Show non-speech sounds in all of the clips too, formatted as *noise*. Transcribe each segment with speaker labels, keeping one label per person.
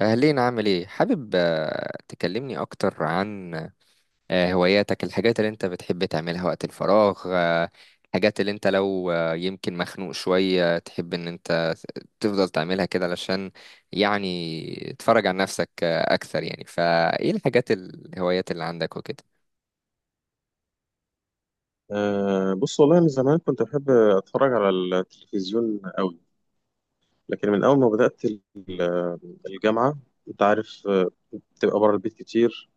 Speaker 1: أهلين، عامل إيه؟ حابب تكلمني أكتر عن هواياتك، الحاجات اللي أنت بتحب تعملها وقت الفراغ، الحاجات اللي أنت لو يمكن مخنوق شوية تحب إن أنت تفضل تعملها كده، علشان يعني تتفرج عن نفسك أكثر. يعني فإيه الحاجات، الهوايات اللي عندك وكده؟
Speaker 2: بص والله من زمان كنت بحب أتفرج على التلفزيون قوي، لكن من أول ما بدأت الجامعة أنت عارف، بتبقى بره البيت كتير،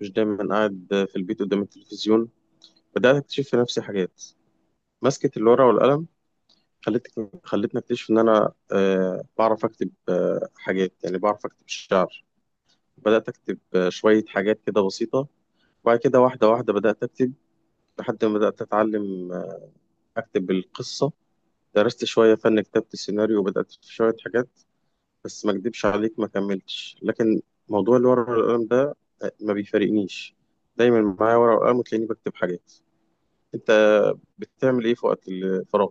Speaker 2: مش دايما قاعد في البيت قدام التلفزيون. بدأت أكتشف في نفسي حاجات. مسكة الورقة والقلم خلتني أكتشف إن أنا بعرف أكتب حاجات، يعني بعرف أكتب شعر. بدأت أكتب شوية حاجات كده بسيطة، وبعد كده واحدة واحدة بدأت أكتب، لحد ما بدأت أتعلم آه، أكتب القصة. درست شوية فن كتابة السيناريو وبدأت في شوية حاجات، بس ما أكدبش عليك ما كملتش. لكن موضوع الورق والقلم ده ما بيفارقنيش، دايما معايا ورقة وقلم وتلاقيني بكتب حاجات. أنت بتعمل إيه في وقت الفراغ؟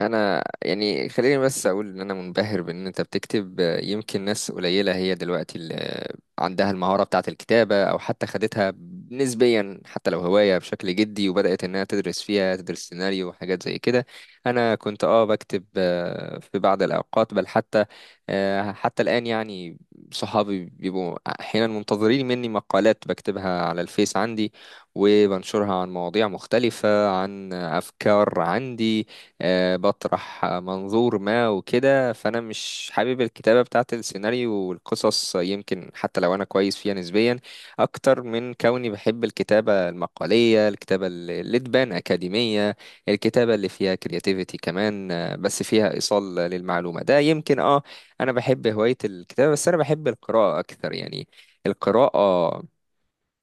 Speaker 1: انا يعني خليني بس اقول ان انا منبهر بان انت بتكتب. يمكن ناس قليله هي دلوقتي اللي عندها المهاره بتاعه الكتابه، او حتى خدتها نسبيا حتى لو هوايه بشكل جدي، وبدات انها تدرس فيها، تدرس سيناريو وحاجات زي كده. انا كنت بكتب في بعض الاوقات، بل حتى حتى الان يعني. صحابي بيبقوا احيانا منتظرين مني مقالات بكتبها على الفيس عندي وبنشرها، عن مواضيع مختلفه، عن افكار عندي، بطرح منظور ما وكده. فانا مش حابب الكتابه بتاعه السيناريو والقصص، يمكن حتى لو انا كويس فيها نسبيا، اكتر من كوني بحب الكتابه المقاليه، الكتابه اللي تبان اكاديميه، الكتابه اللي فيها كرياتيفيتي كمان، بس فيها ايصال للمعلومه. ده يمكن انا بحب هوايه الكتابه، بس انا بحب القراءه اكتر يعني. القراءه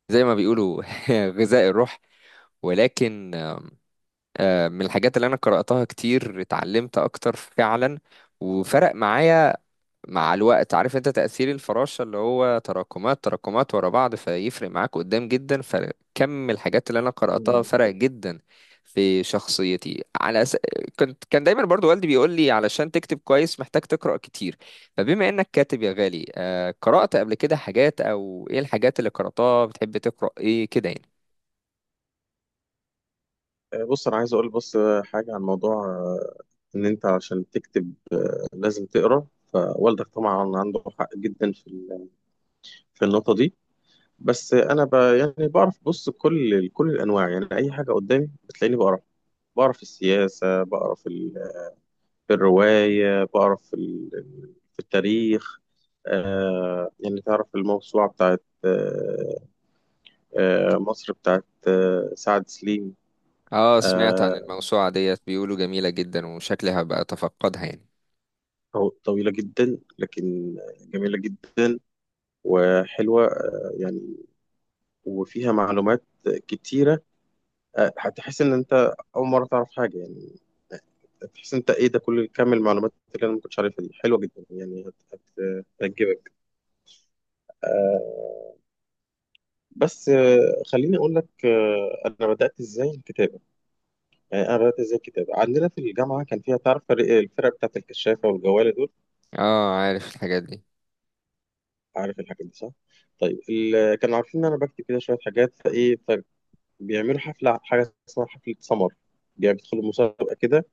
Speaker 1: زي ما بيقولوا *laughs* غذاء الروح. ولكن من الحاجات اللي انا قرأتها كتير اتعلمت اكتر فعلا، وفرق معايا مع الوقت. عارف انت تأثير الفراشة اللي هو تراكمات تراكمات ورا بعض، فيفرق معاك قدام جدا. فكم الحاجات اللي انا قرأتها
Speaker 2: مم.
Speaker 1: فرق جدا في شخصيتي، على أس... كان دايما برضو والدي بيقول لي علشان تكتب كويس محتاج تقرأ كتير. فبما انك كاتب يا غالي، قرأت قبل كده حاجات، او ايه الحاجات اللي قرأتها، بتحب تقرأ ايه كده يعني؟
Speaker 2: بص أنا عايز أقول بس حاجة عن موضوع إن أنت عشان تكتب لازم تقرأ، فوالدك طبعا عنده حق جدا في في النقطة دي. بس أنا يعني بعرف، بص، كل الأنواع، يعني أي حاجة قدامي بتلاقيني بقرأ. بعرف السياسة، بعرف في الرواية، بقرا في في التاريخ. يعني تعرف الموسوعة بتاعت مصر، بتاعت سعد سليم.
Speaker 1: اه، سمعت عن
Speaker 2: آه،
Speaker 1: الموسوعة ديت، بيقولوا جميلة جدا، وشكلي هبقى اتفقدها يعني.
Speaker 2: طويلة جدا، لكن جميلة جدا وحلوة، يعني وفيها معلومات كتيرة. هتحس إن أنت أول مرة تعرف حاجة، يعني تحس أنت إيه ده، كل كم المعلومات اللي أنا ما كنتش عارفها دي، حلوة جدا يعني، هتعجبك. بس خليني أقول لك أنا بدأت إزاي الكتابة. يعني انا بدات ازاي الكتاب، عندنا في الجامعه كان فيها تعرف الفرق بتاعت الكشافه والجواله دول،
Speaker 1: اه عارف الحاجات دي.
Speaker 2: عارف الحاجات دي صح. طيب، كانوا عارفين ان انا بكتب كده شويه حاجات. فايه فبيعملوا حفله، حاجه اسمها حفله سمر، يعني بيدخلوا مسابقه كده.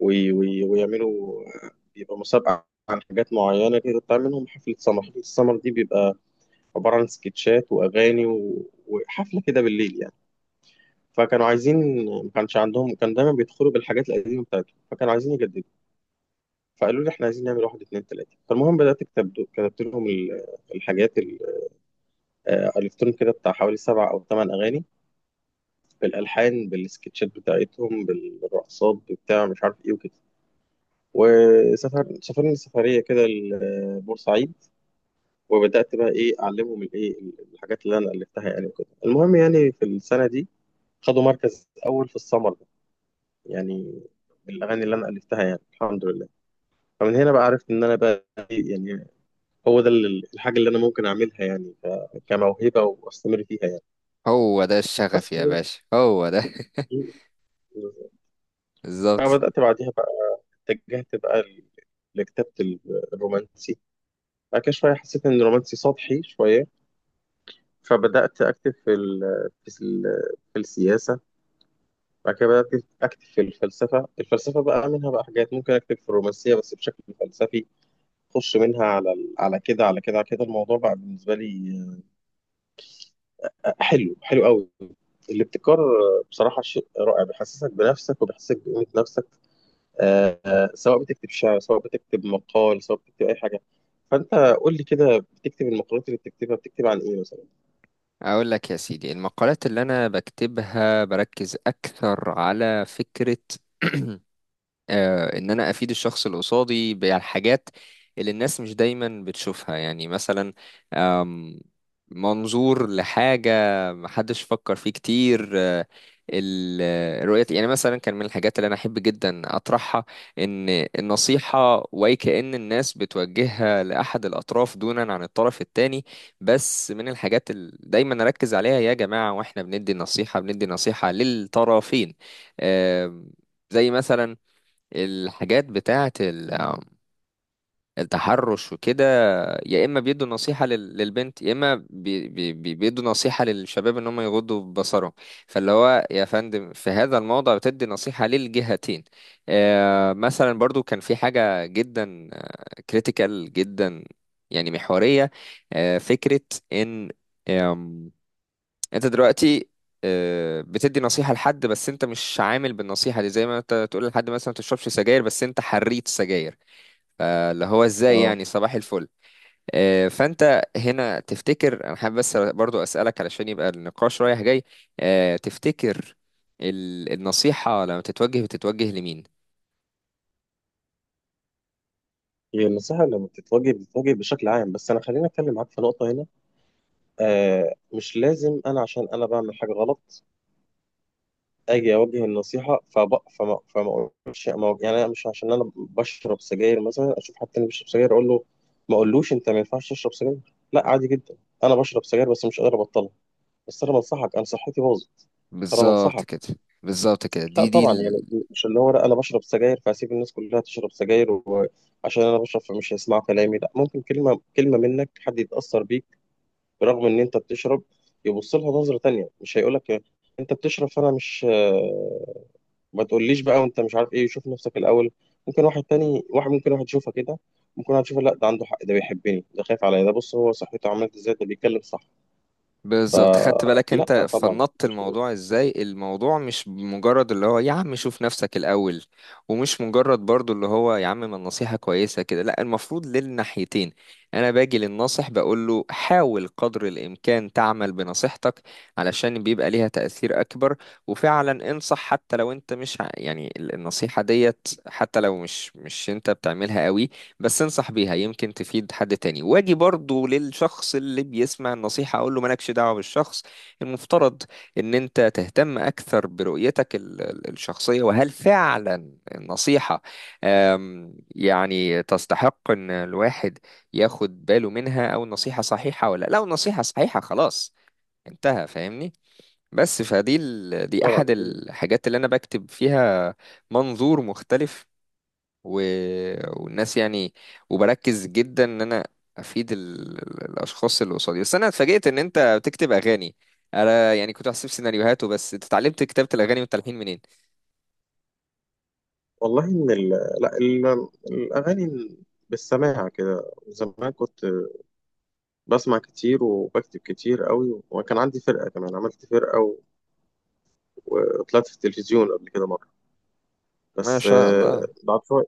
Speaker 2: وي وي ويعملوا، بيبقى مسابقه عن حاجات معينه كده، بتعمل منهم حفله سمر. حفله السمر دي بيبقى عباره عن سكتشات واغاني وحفله كده بالليل يعني. فكانوا عايزين، ما كانش عندهم، كان دايما بيدخلوا بالحاجات القديمه بتاعتهم فكانوا عايزين يجددوا، فقالوا لي احنا عايزين نعمل 1 2 3. فالمهم بدات اكتب، كتبت لهم الحاجات الفتهم كده بتاع حوالي 7 أو 8 اغاني، بالالحان بالسكتشات بتاعتهم بالرقصات بتاع مش عارف ايه وكده. سافرنا سفريه كده لبورسعيد، وبدات بقى ايه اعلمهم الايه الحاجات اللي انا الفتها يعني وكده. المهم يعني في السنه دي خدوا مركز اول في السمر ده، يعني بالاغاني اللي انا الفتها، يعني الحمد لله. فمن هنا بقى عرفت ان انا بقى إيه، يعني هو ده الحاجة اللي أنا ممكن أعملها، يعني كموهبة وأستمر فيها يعني.
Speaker 1: هو ده
Speaker 2: بس
Speaker 1: الشغف يا باشا، هو ده *laughs* بالظبط.
Speaker 2: فبدأت بعديها بقى، اتجهت بقى لكتابة الرومانسي. بعد كده شوية حسيت إن الرومانسي سطحي شوية، فبدأت أكتب في, ال في السياسة. بعد كده بدأت أكتب في الفلسفة، الفلسفة بقى منها بقى حاجات ممكن أكتب في الرومانسية بس بشكل فلسفي. أخش منها على على كده، على كده على كده الموضوع بقى بالنسبة لي حلو، حلو قوي. الابتكار بصراحة شيء رائع، بيحسسك بنفسك وبيحسسك بقيمة نفسك. سواء بتكتب شعر، سواء بتكتب مقال، سواء بتكتب أي حاجة. فأنت قول لي كده، بتكتب المقالات اللي بتكتبها، بتكتب عن إيه مثلا؟
Speaker 1: اقول لك يا سيدي، المقالات اللي انا بكتبها بركز اكثر على فكرة *clears throat* آه ان انا افيد الشخص اللي قصادي بالحاجات اللي الناس مش دايما بتشوفها. يعني مثلا أم، منظور لحاجة محدش فكر فيه كتير، رؤية. يعني مثلا كان من الحاجات اللي أنا أحب جدا أطرحها إن النصيحة، وأي كأن الناس بتوجهها لأحد الأطراف دونا عن الطرف التاني. بس من الحاجات اللي دايما أركز عليها، يا جماعة وإحنا بندي النصيحة بندي نصيحة للطرفين. آم، زي مثلا الحاجات بتاعة التحرش وكده، يا اما بيدوا نصيحه للبنت، يا اما بيدوا نصيحه للشباب ان هم يغضوا بصرهم. فاللي هو يا فندم، في هذا الموضع بتدي نصيحه للجهتين. مثلا برضو كان في حاجه جدا كريتيكال جدا، يعني محوريه. فكره ان آم، انت دلوقتي بتدي نصيحة لحد، بس انت مش عامل بالنصيحة دي. زي ما انت تقول لحد مثلا ما تشربش سجاير، بس انت حريت سجاير. فاللي هو ازاي؟
Speaker 2: اه،
Speaker 1: يعني صباح الفل. فانت هنا تفتكر، انا حابب بس برضو اسالك علشان يبقى النقاش رايح جاي، تفتكر النصيحه لما تتوجه بتتوجه لمين؟
Speaker 2: هي النصيحة لما بتتوجه بتتوجه بشكل عام، بس أنا خليني أتكلم معاك في نقطة هنا. آه، مش لازم أنا عشان أنا بعمل حاجة غلط اجي اوجه النصيحه. فب... فما فما اقولش ما... أقول- يعني انا مش عشان انا بشرب سجاير مثلا، اشوف حد تاني بيشرب سجاير اقول له ما اقولوش انت ما ينفعش تشرب سجاير، لا عادي جدا. انا بشرب سجاير بس مش قادر ابطلها، بس انا بنصحك، انا صحتي باظت، انا
Speaker 1: بالظبط
Speaker 2: بنصحك.
Speaker 1: كده. بالظبط كده،
Speaker 2: لا
Speaker 1: دي.
Speaker 2: طبعا، يعني مش اللي هو لا انا بشرب سجاير فهسيب الناس كلها تشرب سجاير، وعشان انا بشرب فمش هيسمعوا كلامي، لا ممكن كلمه كلمه منك حد يتاثر بيك. برغم ان انت بتشرب، يبص لها نظره تانيه، مش هيقول لك انت بتشرب فانا مش، ما تقوليش بقى وانت مش عارف ايه شوف نفسك الاول. ممكن واحد تاني، واحد ممكن واحد يشوفها كده، ممكن واحد يشوفها لا ده عنده حق، ده بيحبني، ده خايف عليا، ده بص هو صحته عملت ازاي، ده بيتكلم صح.
Speaker 1: بالظبط، خدت بالك
Speaker 2: لا
Speaker 1: انت
Speaker 2: طبعا،
Speaker 1: فنطت
Speaker 2: مش
Speaker 1: الموضوع ازاي؟ الموضوع مش مجرد اللي هو يا عم شوف نفسك الاول، ومش مجرد برضو اللي هو يا عم ما النصيحة كويسة كده. لا، المفروض للناحيتين. انا باجي للناصح بقول له حاول قدر الامكان تعمل بنصيحتك، علشان بيبقى ليها تأثير اكبر. وفعلا انصح حتى لو انت مش يعني النصيحة ديت حتى لو مش انت بتعملها قوي، بس انصح بيها يمكن تفيد حد تاني. واجي برضو للشخص اللي بيسمع النصيحة، اقول له مالكش دعوة بالشخص. المفترض ان انت تهتم اكثر برؤيتك الشخصية، وهل فعلا النصيحة يعني تستحق ان الواحد ياخد باله منها، او النصيحة صحيحة ولا. لو النصيحة صحيحة، خلاص انتهى، فاهمني؟ بس فدي دي
Speaker 2: طبعا.
Speaker 1: احد الحاجات اللي انا بكتب فيها، منظور مختلف و... والناس يعني. وبركز جدا ان انا افيد الاشخاص اللي قصادي. بس انا اتفاجئت ان انت بتكتب اغاني، انا يعني كنت بحسب سيناريوهات وبس. انت اتعلمت كتابة الاغاني والتلحين منين؟
Speaker 2: والله ان ال... لا ال... الاغاني بالسماع كده، زمان كنت بسمع كتير وبكتب كتير قوي، وكان عندي فرقه كمان، عملت فرقه وطلعت في التلفزيون قبل كده مره.
Speaker 1: ما
Speaker 2: بس
Speaker 1: شاء الله.
Speaker 2: بعد شويه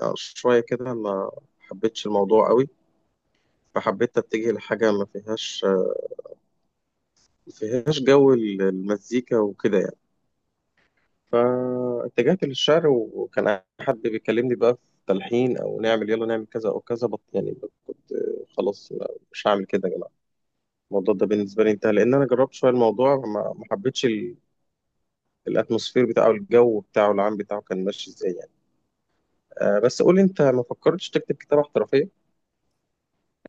Speaker 2: يعني، شويه كده ما حبيتش الموضوع قوي، فحبيت اتجه لحاجه ما فيهاش، ما فيهاش جو المزيكا وكده يعني. فاتجهت للشعر، وكان حد بيكلمني بقى في تلحين او نعمل يلا نعمل كذا او كذا بط يعني، كنت خلاص مش هعمل كده يا جماعه. الموضوع ده بالنسبه لي انتهى، لان انا جربت شويه الموضوع، ما حبيتش الاتموسفير بتاعه، الجو بتاعه العام بتاعه كان ماشي ازاي يعني. آه بس قول لي انت، ما فكرتش تكتب كتابه احترافيه؟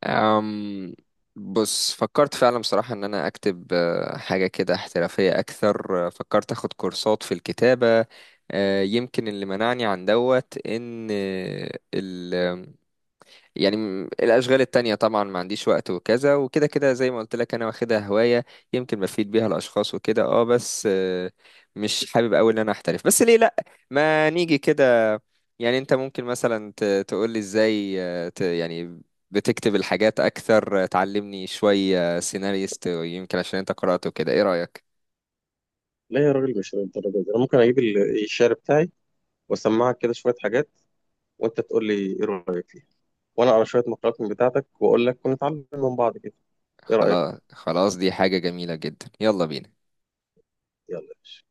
Speaker 1: أم... بص، فكرت فعلا بصراحة ان انا اكتب حاجة كده احترافية اكثر. فكرت اخد كورسات في الكتابة، يمكن اللي منعني عن دوت ان يعني الأشغال التانية طبعا، ما عنديش وقت وكذا وكده كده. زي ما قلت لك، أنا واخدها هواية يمكن بفيد بيها الأشخاص وكده. اه بس آه، مش حابب أوي إن أنا أحترف، بس ليه لأ؟ ما نيجي كده. يعني أنت ممكن مثلا تقول لي إزاي يعني بتكتب الحاجات أكثر، تعلمني شوية سيناريست، يمكن عشان أنت قرأته كده. إيه رأيك؟
Speaker 2: لا يا راجل مش للدرجه دي، انا ممكن اجيب الشعر بتاعي واسمعك كده شويه حاجات، وانت تقول لي ايه رايك فيها، وانا اقرا شويه مقالات من بتاعتك واقول لك، ونتعلم من بعض كده. ايه رايك؟
Speaker 1: خلاص خلاص، دي حاجة جميلة جدا، يلا بينا.
Speaker 2: يلا يا باشا.